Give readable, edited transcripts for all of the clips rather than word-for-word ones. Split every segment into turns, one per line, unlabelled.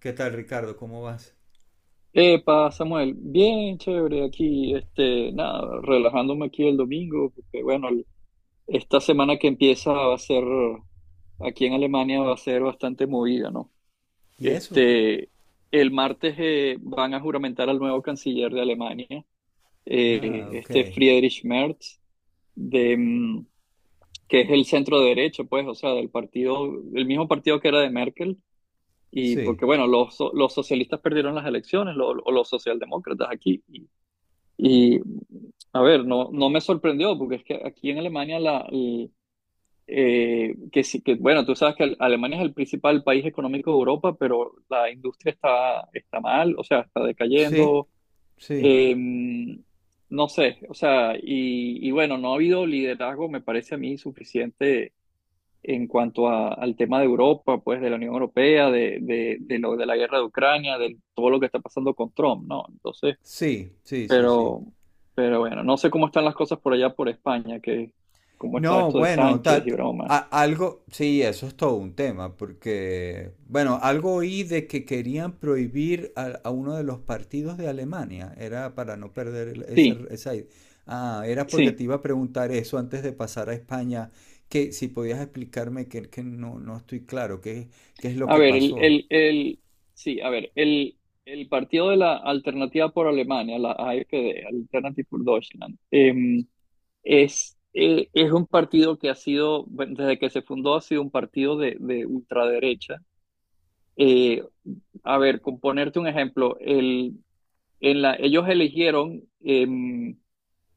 ¿Qué tal, Ricardo? ¿Cómo vas?
Epa, Samuel, bien chévere aquí, este, nada, relajándome aquí el domingo, porque bueno, esta semana que empieza va a ser, aquí en Alemania va a ser bastante movida, ¿no?
¿Y eso?
Este, el martes van a juramentar al nuevo canciller de Alemania,
Ah, ok.
este Friedrich Merz, de, que es el centro derecha, pues, o sea, del partido, el mismo partido que era de Merkel, y
Sí,
porque bueno, los, los socialistas perdieron las elecciones, o los socialdemócratas aquí. Y a ver, no, no me sorprendió, porque es que aquí en Alemania, que sí, que bueno, tú sabes que Alemania es el principal país económico de Europa, pero la industria está mal, o sea, está
sí,
decayendo.
sí,
eh, no sé, o sea, y bueno, no ha habido liderazgo, me parece a mí, suficiente en cuanto al tema de Europa, pues de la Unión Europea, de lo de la guerra de Ucrania, de todo lo que está pasando con Trump, ¿no? Entonces.
sí, sí, sí, sí.
Pero, pero bueno, no sé cómo están las cosas por allá por España, que cómo está
No,
esto de
bueno,
Sánchez y broma.
algo, sí, eso es todo un tema, porque, bueno, algo oí de que querían prohibir a uno de los partidos de Alemania, era para no perder ese,
Sí,
Ah, era porque te
sí.
iba a preguntar eso antes de pasar a España, que si podías explicarme que no estoy claro, qué, qué es lo
A
que
ver,
pasó.
sí, a ver, el partido de la Alternativa por Alemania, la AfD, Alternative for Deutschland, es un partido que ha sido, bueno, desde que se fundó, ha sido un partido de ultraderecha. Eh, a ver, con ponerte un ejemplo, ellos eligieron eh,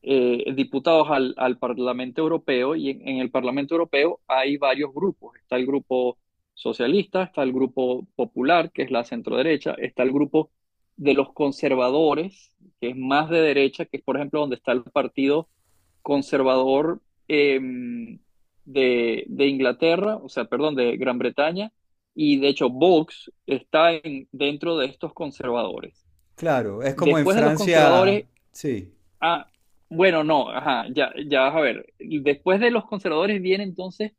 eh, diputados al Parlamento Europeo y en el Parlamento Europeo hay varios grupos. Está el grupo socialista, está el grupo popular, que es la centroderecha, está el grupo de los conservadores, que es más de derecha, que es por ejemplo donde está el Partido Conservador eh, de Inglaterra, o sea, perdón, de Gran Bretaña, y de hecho Vox está dentro de estos conservadores.
Claro, es como en
Después de los
Francia.
conservadores.
Sí.
Ah, bueno, no, ajá, ya, ya vas a ver. Después de los conservadores viene entonces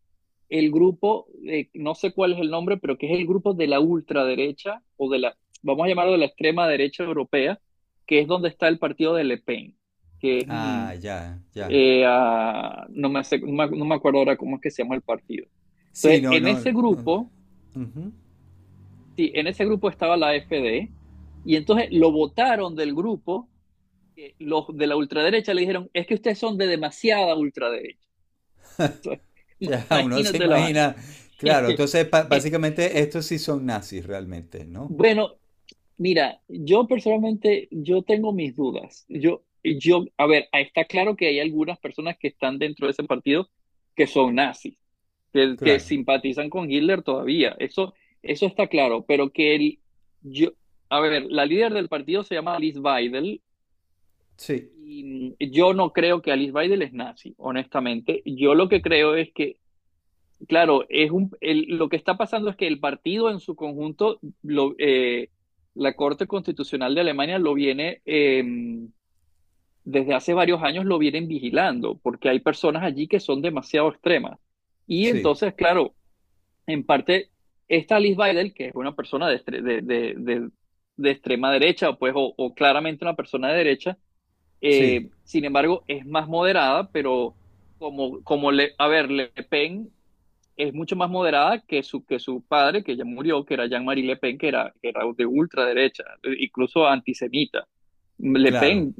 el grupo, no sé cuál es el nombre, pero que es el grupo de la ultraderecha o de la, vamos a llamarlo de la extrema derecha europea, que es donde está el partido de Le Pen, que es,
Ah, ya, ya.
no me acuerdo ahora cómo es que se llama el partido.
Sí,
Entonces,
no,
en
no.
ese
No.
grupo,
Ujú.
sí, en ese grupo estaba la AfD, y entonces lo votaron del grupo que los de la ultraderecha le dijeron, es que ustedes son de demasiada ultraderecha.
Ya, uno se
Imagínate la vaina.
imagina. Claro, entonces básicamente estos sí son nazis realmente, ¿no?
Bueno, mira, yo personalmente, yo tengo mis dudas. A ver, está claro que hay algunas personas que están dentro de ese partido que son nazis, que
Claro.
simpatizan con Hitler todavía. Eso está claro, pero que yo, a ver, la líder del partido se llama Alice Weidel
Sí,
y yo no creo que Alice Weidel es nazi, honestamente. Yo lo que creo es que claro, es lo que está pasando es que el partido en su conjunto, la Corte Constitucional de Alemania lo viene, desde hace varios años lo vienen vigilando, porque hay personas allí que son demasiado extremas. Y
sí,
entonces, claro, en parte, esta Alice Weidel, que es una persona de, estre- de extrema derecha, pues, o claramente una persona de derecha,
sí.
sin embargo, es más moderada, pero a ver, Le Pen es mucho más moderada que su padre, que ya murió, que era Jean-Marie Le Pen, que era de ultraderecha, incluso antisemita. Le
Claro.
Pen,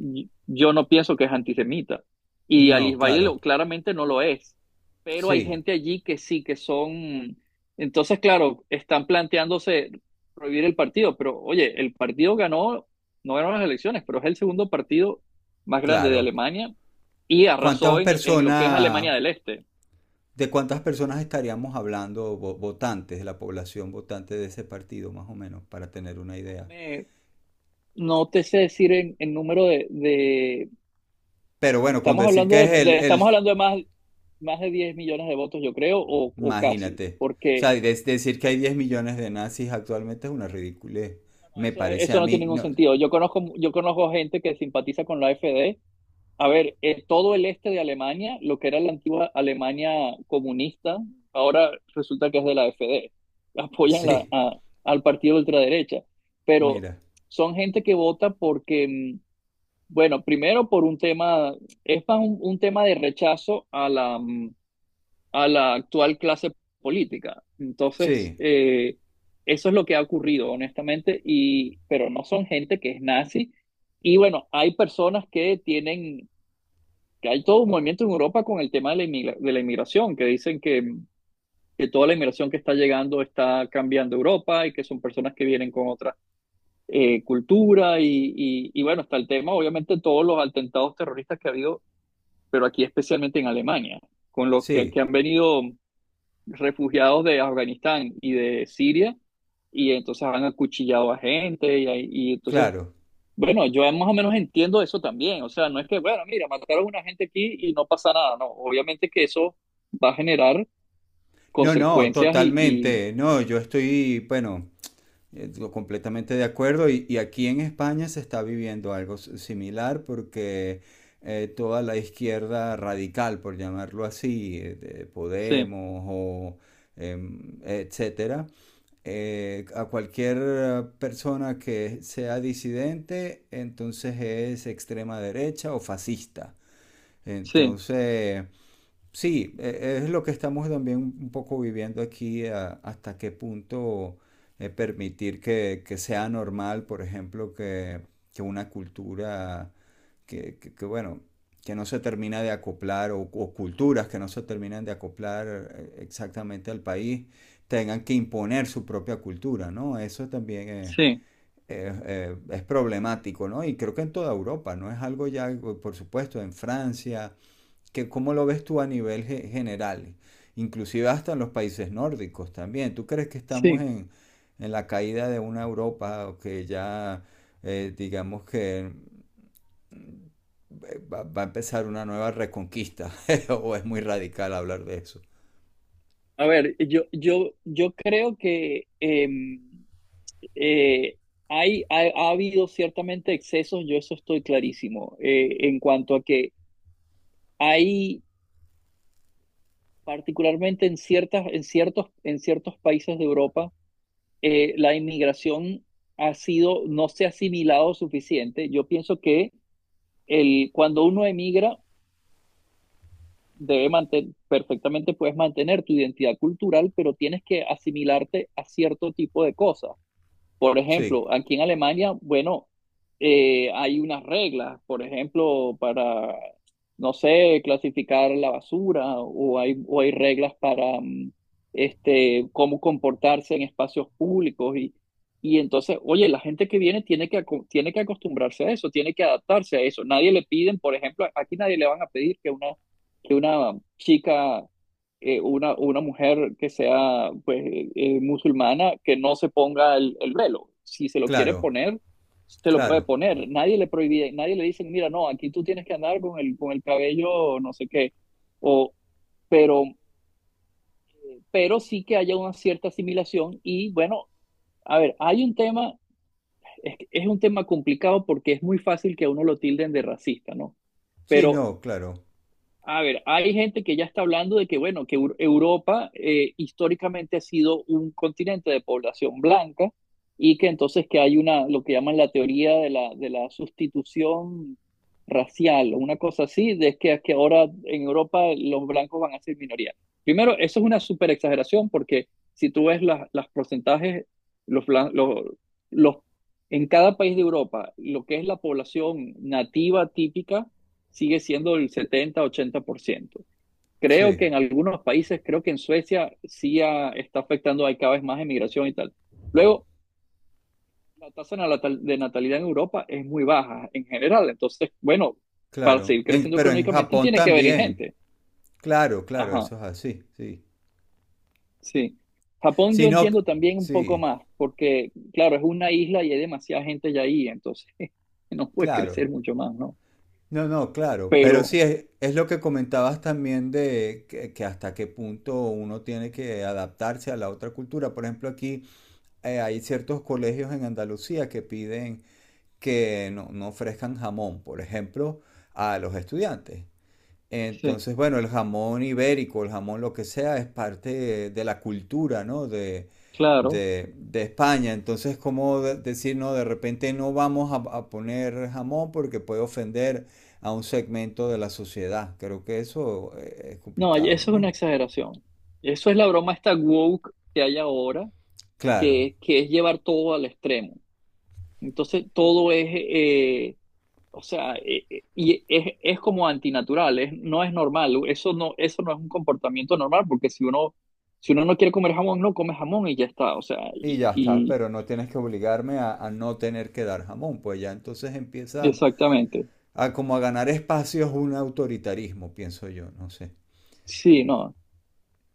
yo no pienso que es antisemita. Y
No,
Alice Valle
claro.
claramente no lo es. Pero hay
Sí,
gente allí que sí, que son. Entonces, claro, están planteándose prohibir el partido. Pero, oye, el partido ganó, no ganó las elecciones, pero es el segundo partido más grande de
claro.
Alemania y arrasó
¿Cuántas
en lo que es
personas,
Alemania del Este.
de cuántas personas estaríamos hablando, votantes, de la población votante de ese partido, más o menos, para tener una
No
idea?
me- no te sé decir en número
Pero bueno, con
estamos
decir
hablando
que
de,
es el,
de- estamos
el,
hablando de más, más de 10 millones de votos, yo creo, o casi,
Imagínate. O
porque
sea, decir que hay 10 millones de nazis actualmente es una ridiculez.
no,
Me
eso,
parece a
eso no
mí.
tiene ningún
No,
sentido. Yo conozco gente que simpatiza con la AfD. A ver, todo el este de Alemania, lo que era la antigua Alemania comunista, ahora resulta que es de la AfD. Apoyan
sí,
al partido de ultraderecha, pero
mira.
son gente que vota porque bueno, primero por un tema, es más un tema de rechazo a la actual clase política. Entonces,
Sí,
eso es lo que ha ocurrido, honestamente, y, pero no son gente que es nazi. Y bueno, hay personas que tienen, que hay todo un movimiento en Europa con el tema de la inmigración, que dicen que toda la inmigración que está llegando está cambiando Europa y que son personas que vienen con otra cultura. Y bueno, está el tema, obviamente, todos los atentados terroristas que ha habido pero aquí especialmente en Alemania, con los que
sí,
han venido refugiados de Afganistán y de Siria, y entonces han acuchillado a gente, y entonces,
claro.
bueno, yo más o menos entiendo eso también, o sea, no es que, bueno, mira, mataron a una gente aquí y no pasa nada, no, obviamente que eso va a generar
No, no,
consecuencias y...
totalmente. No, yo estoy, bueno, completamente de acuerdo. Y aquí en España se está viviendo algo similar porque toda la izquierda radical, por llamarlo así, de
Sí,
Podemos o etcétera a cualquier persona que sea disidente, entonces es extrema derecha o fascista.
sí,
Entonces, sí, es lo que estamos también un poco viviendo aquí, hasta qué punto permitir que sea normal, por ejemplo, que una cultura que, que, bueno, que no se termina de acoplar o culturas que no se terminan de acoplar exactamente al país, tengan que imponer su propia cultura, ¿no? Eso también
sí,
es problemático, ¿no? Y creo que en toda Europa, ¿no? Es algo ya, por supuesto, en Francia, que ¿cómo lo ves tú a nivel general? Inclusive hasta en los países nórdicos también. ¿Tú crees que estamos
sí.
en la caída de una Europa que ya, digamos que va, va a empezar una nueva reconquista? ¿O es muy radical hablar de eso?
A ver, yo creo que... Eh, hay, ha habido ciertamente excesos, yo eso estoy clarísimo, en cuanto a que hay, particularmente en en ciertos países de Europa, la inmigración no se ha asimilado suficiente. Yo pienso que el, cuando uno emigra, debe mantener, perfectamente puedes mantener tu identidad cultural, pero tienes que asimilarte a cierto tipo de cosas. Por
Sí,
ejemplo, aquí en Alemania, bueno, hay unas reglas, por ejemplo, para, no sé, clasificar la basura o hay reglas para este, cómo comportarse en espacios públicos y entonces, oye, la gente que viene tiene que acostumbrarse a eso, tiene que adaptarse a eso. Nadie le piden, por ejemplo, aquí nadie le van a pedir que una chica una mujer que sea pues, musulmana que no se ponga el velo. Si se lo quiere
claro,
poner, se lo puede
claro.
poner. Nadie le prohíbe, nadie le dice, mira, no, aquí tú tienes que andar con el cabello, no sé qué. O, pero, pero sí que haya una cierta asimilación. Y bueno, a ver, hay un tema, es un tema complicado porque es muy fácil que a uno lo tilden de racista, ¿no?
Sí,
Pero
no, claro.
a ver, hay gente que ya está hablando de que, bueno, que Europa históricamente ha sido un continente de población blanca y que entonces que hay una, lo que llaman la teoría de la sustitución racial o una cosa así, de que ahora en Europa los blancos van a ser minoría. Primero, eso es una super exageración porque si tú ves las porcentajes, los, blan- los, en cada país de Europa, lo que es la población nativa típica, sigue siendo el 70-80%. Creo que
Sí,
en algunos países, creo que en Suecia sí está afectando, hay cada vez más emigración y tal. Luego, la tasa de natalidad en Europa es muy baja en general, entonces, bueno, para
claro.
seguir
En-
creciendo
pero en
económicamente
Japón
tiene que venir
también.
gente.
Claro, claro,
Ajá,
eso es así, sí.
sí. Japón
Sí,
yo
no,
entiendo también un poco
sí,
más, porque claro, es una isla y hay demasiada gente ya ahí, entonces no puede
claro.
crecer mucho más, ¿no?
No, no, claro. Pero sí,
Pero,
es lo que comentabas también de que hasta qué punto uno tiene que adaptarse a la otra cultura. Por ejemplo, aquí hay ciertos colegios en Andalucía que piden que no ofrezcan jamón, por ejemplo, a los estudiantes.
sí,
Entonces, bueno, el jamón ibérico, el jamón lo que sea, es parte de la cultura, ¿no?
claro.
De España. Entonces, ¿cómo decir, no, de repente no vamos a poner jamón porque puede ofender a un segmento de la sociedad? Creo que eso es
No,
complicado,
eso es una
¿no?
exageración. Eso es la broma esta woke que hay ahora,
Claro.
que es llevar todo al extremo. Entonces, todo es, o sea, y es como antinatural, no es normal. Eso no es un comportamiento normal, porque si uno, si uno no quiere comer jamón, no come jamón y ya está. O sea,
Y ya está,
y
pero no tienes que obligarme a no tener que dar jamón, pues ya entonces empiezan
exactamente.
a como a ganar espacios un autoritarismo, pienso yo, no sé.
Sí, no.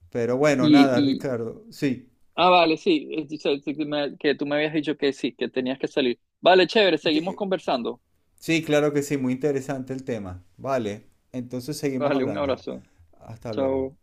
Pero bueno,
Y,
nada,
y
Ricardo, sí.
vale, sí, dice que que tú me habías dicho que sí, que tenías que salir. Vale, chévere, seguimos
Di-
conversando.
Sí, claro que sí, muy interesante el tema. Vale, entonces seguimos
Vale, un
hablando.
abrazo.
Hasta luego.
Chao.